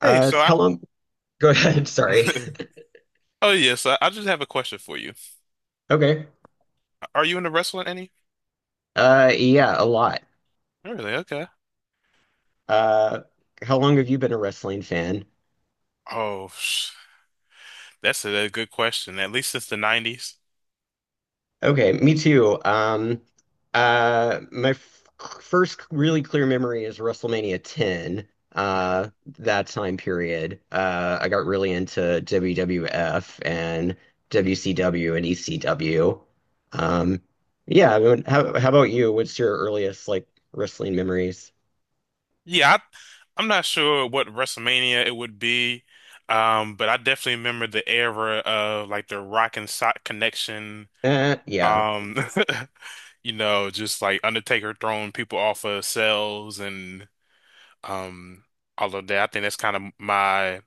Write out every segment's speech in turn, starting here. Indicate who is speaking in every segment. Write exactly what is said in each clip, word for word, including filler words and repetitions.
Speaker 1: Hey,
Speaker 2: Uh,
Speaker 1: so I,
Speaker 2: how long? Go ahead. Sorry.
Speaker 1: oh yes, I, I just have a question for you.
Speaker 2: Okay.
Speaker 1: Are you into wrestling any?
Speaker 2: Uh, yeah, a lot.
Speaker 1: Really? Okay.
Speaker 2: Uh, how long have you been a wrestling fan?
Speaker 1: Oh, sh- that's a, a good question. At least since the nineties.
Speaker 2: Okay, me too. Um, uh, my f first really clear memory is WrestleMania ten.
Speaker 1: Okay.
Speaker 2: Uh, that time period. Uh, I got really into W W F and
Speaker 1: Mhm.
Speaker 2: W C W and E C W. Um, yeah. I mean, how how about you? What's your earliest like wrestling memories?
Speaker 1: Yeah, I, I'm not sure what WrestleMania it would be, um, but I definitely remember the era of like the Rock and Sock connection.
Speaker 2: Uh, yeah.
Speaker 1: Um, you know, just like Undertaker throwing people off of cells and um all of that. I think that's kind of my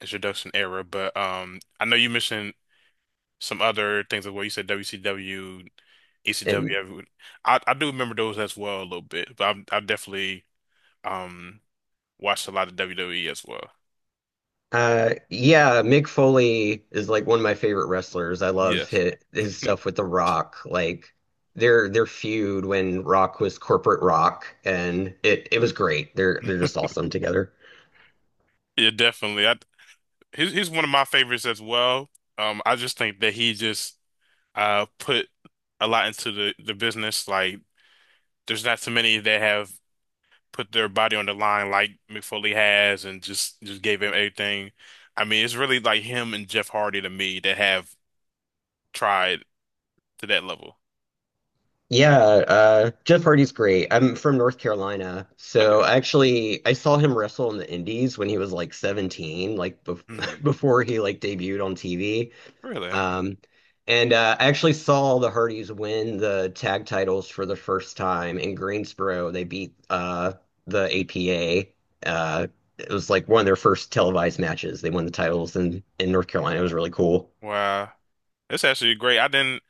Speaker 1: introduction era, but um, I know you mentioned some other things as well. You said W C W, ECW.
Speaker 2: And
Speaker 1: every- I I do remember those as well a little bit, but I've I've definitely um watched a lot of W W E as well.
Speaker 2: Uh, yeah, Mick Foley is like one of my favorite wrestlers. I love
Speaker 1: Yes.
Speaker 2: his, his stuff with The Rock. Like their their feud when Rock was corporate rock, and it it was great. They're they're just awesome together.
Speaker 1: Yeah, definitely. I he's he's one of my favorites as well. Um, I just think that he just uh put a lot into the the business. Like, there's not too many that have put their body on the line like Mick Foley has and just just gave him everything. I mean, it's really like him and Jeff Hardy to me that have tried to that level.
Speaker 2: Yeah, uh, Jeff Hardy's great. I'm from North Carolina,
Speaker 1: Okay.
Speaker 2: so actually I saw him wrestle in the Indies when he was like seventeen, like bef
Speaker 1: Mhm.
Speaker 2: before he like debuted on T V.
Speaker 1: Really?
Speaker 2: Um, and uh, I actually saw the Hardys win the tag titles for the first time in Greensboro. They beat uh, the A P A. Uh, it was like one of their first televised matches. They won the titles in, in North Carolina. It was really cool.
Speaker 1: Wow. That's actually great. I didn't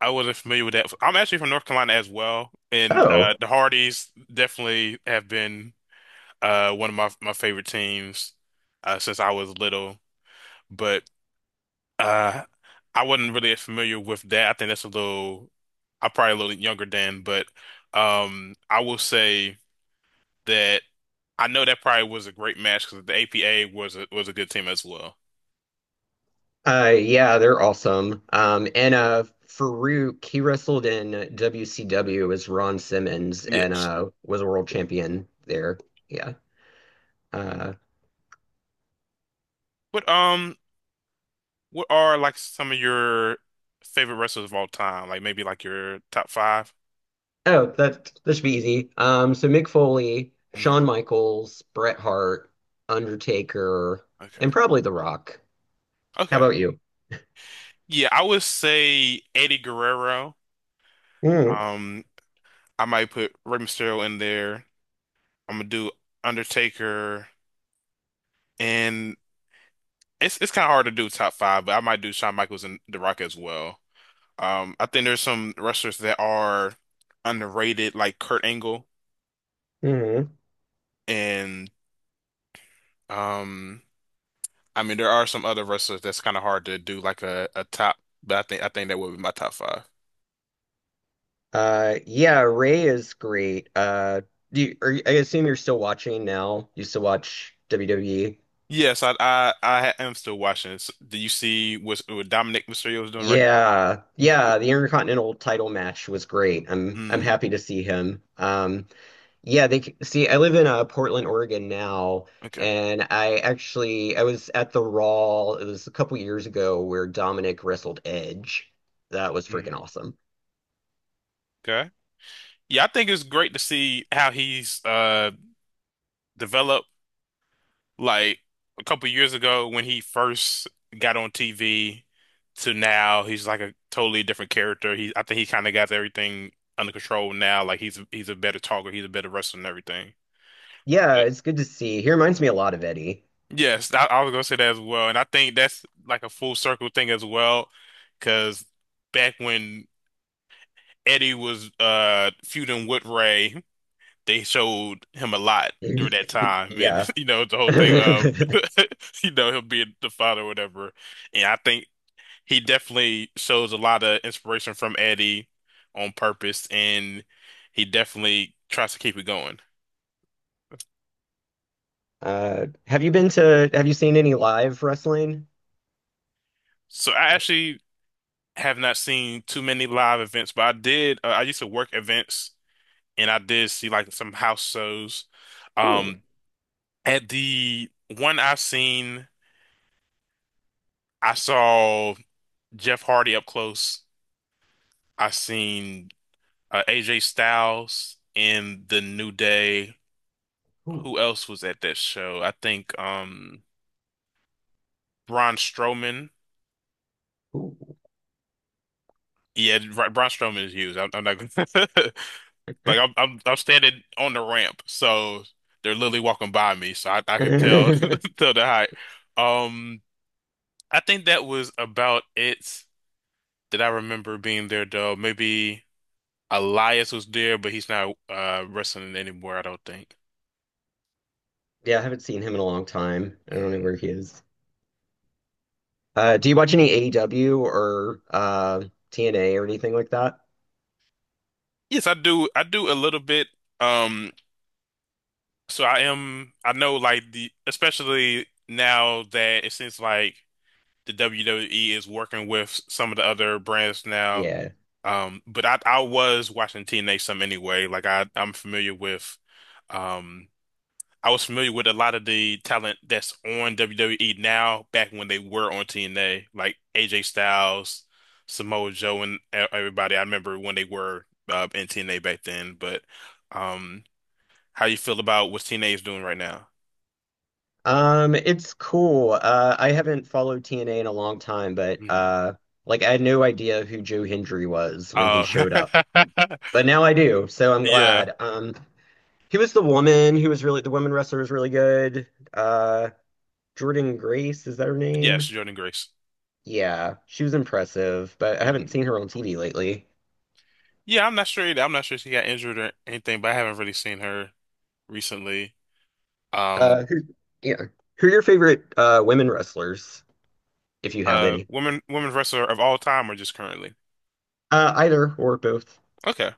Speaker 1: I wasn't familiar with that. I'm actually from North Carolina as well, and uh
Speaker 2: Oh,
Speaker 1: the Hardys definitely have been uh one of my my favorite teams uh since I was little. But Uh, I wasn't really familiar with that. I think that's a little, I'm probably a little younger than, but um, I will say that I know that probably was a great match because the A P A was a, was a good team as well.
Speaker 2: uh, yeah, they're awesome. Um, and uh, Farouk, he wrestled in W C W as Ron Simmons and
Speaker 1: Yes.
Speaker 2: uh, was a world champion there. Yeah. Uh,
Speaker 1: But um, what are like some of your favorite wrestlers of all time? Like maybe like your top five?
Speaker 2: Oh, that that should be easy. Um, so Mick Foley, Shawn
Speaker 1: Hmm.
Speaker 2: Michaels, Bret Hart, Undertaker,
Speaker 1: Okay.
Speaker 2: and probably The Rock. How
Speaker 1: Okay.
Speaker 2: about you?
Speaker 1: Yeah, I would say Eddie Guerrero.
Speaker 2: Mm,
Speaker 1: Um, I might put Rey Mysterio in there. I'm gonna do Undertaker, and It's it's kind of hard to do top five, but I might do Shawn Michaels and The Rock as well. Um, I think there's some wrestlers that are underrated, like Kurt Angle,
Speaker 2: mm.
Speaker 1: and um, I mean there are some other wrestlers that's kind of hard to do like a, a top, but I think I think that would be my top five.
Speaker 2: Uh, yeah, Ray is great. Uh, do you, are, you- I assume you're still watching now. You still watch W W E?
Speaker 1: Yes, I I, I am still watching this. Do you see what, what Dominic Mysterio is doing right now?
Speaker 2: Yeah, yeah. The Intercontinental title match was great. I'm I'm
Speaker 1: Mm,
Speaker 2: happy to see him. Um, Yeah, they c- see. I live in uh, Portland, Oregon now,
Speaker 1: okay.
Speaker 2: and I actually I was at the Raw. It was a couple years ago where Dominic wrestled Edge. That was freaking
Speaker 1: Mhm.
Speaker 2: awesome.
Speaker 1: Okay. Yeah, I think it's great to see how he's uh developed. Like a couple years ago when he first got on T V to now, he's like a totally different character. He I think he kind of got everything under control now. Like he's he's a better talker, he's a better wrestler and everything.
Speaker 2: Yeah,
Speaker 1: But
Speaker 2: it's good to see. He reminds me a lot of Eddie.
Speaker 1: yes, I, I was gonna say that as well, and I think that's like a full circle thing as well, because back when Eddie was uh feuding with Ray. They showed him a lot during that time, and
Speaker 2: Yeah.
Speaker 1: you know the whole thing of you know him being the father or whatever. And I think he definitely shows a lot of inspiration from Eddie on purpose, and he definitely tries to keep it going.
Speaker 2: Uh, have you been to? Have you seen any live wrestling?
Speaker 1: So I actually have not seen too many live events, but I did. Uh, I used to work events, and I did see like some house shows.
Speaker 2: Cool.
Speaker 1: Um, at the one I have seen, I saw Jeff Hardy up close. I seen uh, A J Styles in the New Day.
Speaker 2: Cool.
Speaker 1: Who else was at that show? I think. Um, Braun Strowman.
Speaker 2: Cool.
Speaker 1: Yeah, Bra- Braun Strowman is huge. I'm, I'm not gonna like I'm, I'm I'm standing on the ramp, so they're literally walking by me, so I, I could tell tell the height. Um, I think that was about it that I remember being there though. Maybe Elias was there, but he's not uh wrestling anymore, I don't think.
Speaker 2: Yeah, I haven't seen him in a long time. I don't know
Speaker 1: Mm.
Speaker 2: where he is. Uh, do you watch any A E W or uh, T N A or anything like that?
Speaker 1: Yes, I do. I do a little bit. Um, so I am. I know, like the especially now that it seems like the W W E is working with some of the other brands now.
Speaker 2: Yeah.
Speaker 1: Um, but I, I was watching T N A some anyway. Like I, I'm familiar with, um, I was familiar with a lot of the talent that's on W W E now. Back when they were on T N A, like A J Styles, Samoa Joe, and e- everybody. I remember when they were uh, in T N A back then. But um, how you feel about what T N A is doing right now?
Speaker 2: Um, it's cool. Uh, I haven't followed T N A in a long time, but
Speaker 1: Mhm.
Speaker 2: uh, like I had no idea who Joe Hendry was when he
Speaker 1: Uh,
Speaker 2: showed up. But now I do, so I'm
Speaker 1: yeah.
Speaker 2: glad. Um, he was the woman who was really the woman wrestler was really good. Uh, Jordan Grace, is that her
Speaker 1: Yes,
Speaker 2: name?
Speaker 1: Jordan Grace.
Speaker 2: Yeah, she was impressive, but I haven't seen her on T V lately.
Speaker 1: Yeah, I'm not sure either. I'm not sure she got injured or anything, but I haven't really seen her recently. Um,
Speaker 2: Uh, who, yeah. Who are your favorite uh women wrestlers, if you have
Speaker 1: uh,
Speaker 2: any?
Speaker 1: women women wrestler of all time or just currently?
Speaker 2: Uh, either or both.
Speaker 1: Okay.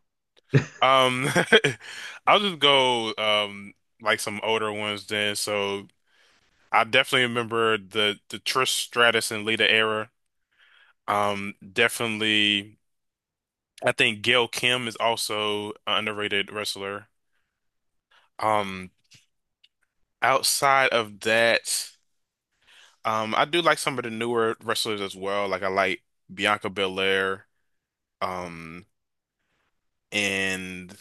Speaker 1: Um, I'll just go um like some older ones then. So I definitely remember the the Trish Stratus and Lita era. Um, definitely, I think Gail Kim is also an underrated wrestler. Um, Outside of that. Um, I do like some of the newer wrestlers as well. Like I like Bianca Belair, um, and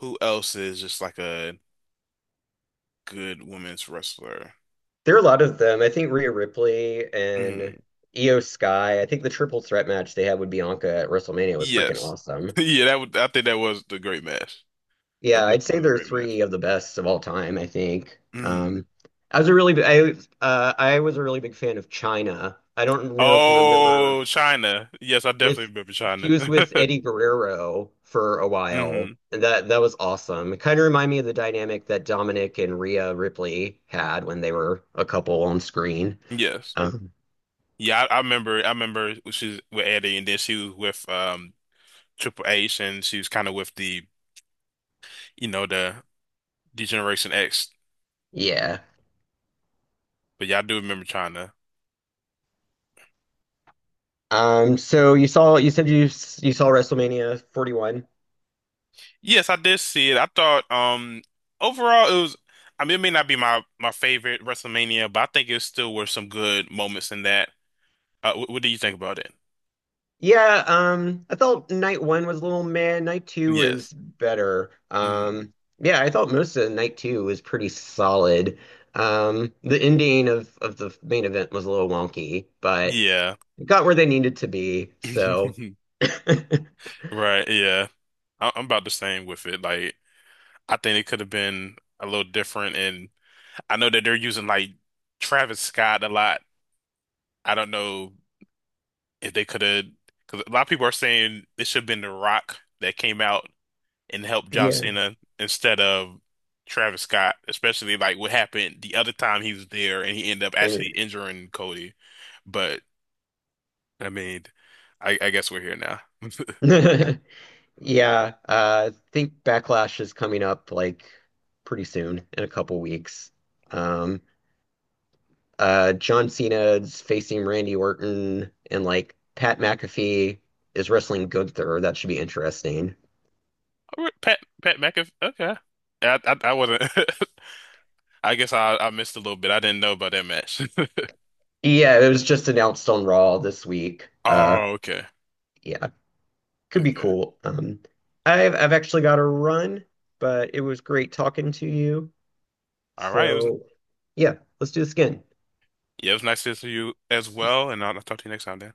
Speaker 1: who else is just like a good women's wrestler?
Speaker 2: There are a lot of them. I think Rhea Ripley and
Speaker 1: Mm,
Speaker 2: Io Sky. I think the triple threat match they had with Bianca at WrestleMania was freaking
Speaker 1: yes.
Speaker 2: awesome.
Speaker 1: Yeah, that would I think that was the great match. That
Speaker 2: Yeah, I'd say
Speaker 1: definitely was a
Speaker 2: they're
Speaker 1: great match.
Speaker 2: three of the best of all time, I think.
Speaker 1: Mm.
Speaker 2: Um, I was a really b- I uh, I was a really big fan of China. I don't know if you remember
Speaker 1: Oh, China. Yes, I definitely
Speaker 2: with
Speaker 1: remember
Speaker 2: she
Speaker 1: China.
Speaker 2: was with Eddie Guerrero for a while,
Speaker 1: Hmm.
Speaker 2: and that that was awesome. It kind of reminded me of the dynamic that Dominic and Rhea Ripley had when they were a couple on screen.
Speaker 1: Yes.
Speaker 2: Um,
Speaker 1: Yeah, I, I remember I remember she was with Eddie and then she was with um Triple H and she was kind of with the you know the Degeneration X. But
Speaker 2: yeah.
Speaker 1: yeah, I do remember trying to.
Speaker 2: Um, so you saw you said you s- you saw WrestleMania forty-one.
Speaker 1: Yes, I did see it. I thought um overall it was, I mean it may not be my my favorite WrestleMania, but I think it still were some good moments in that. Uh, what, what do you think about it?
Speaker 2: Yeah, um, I thought night one was a little meh. Night two was
Speaker 1: Yes.
Speaker 2: better.
Speaker 1: Hmm.
Speaker 2: Um, yeah, I thought most of night two was pretty solid. Um, the ending of of the main event was a little wonky, but
Speaker 1: Yeah.
Speaker 2: it got where they needed to be. So
Speaker 1: Right, yeah. I I'm about the same with it. Like I think it could have been a little different and I know that they're using like Travis Scott a lot. I don't know if they could have because a lot of people are saying it should have been The Rock that came out and help John
Speaker 2: yeah,
Speaker 1: Cena instead of Travis Scott, especially like what happened the other time he was there and he ended up
Speaker 2: I
Speaker 1: actually
Speaker 2: knew-
Speaker 1: injuring Cody. But I mean, I, I guess we're here now.
Speaker 2: yeah. Uh, I think Backlash is coming up like pretty soon in a couple weeks. Um, uh John Cena's facing Randy Orton and like Pat McAfee is wrestling Gunther. That should be interesting.
Speaker 1: All right, Pat Pat McAfee. Okay, I I, I wasn't. I guess I I missed a little bit. I didn't know about that match.
Speaker 2: Yeah, it was just announced on Raw this week. Uh
Speaker 1: Oh, okay,
Speaker 2: yeah, could be
Speaker 1: okay.
Speaker 2: cool. Um I've I've actually got to run, but it was great talking to you.
Speaker 1: All right. It was,
Speaker 2: So yeah, let's do this again.
Speaker 1: yeah, it was nice to see you as well, and I'll, I'll talk to you next time, Dan.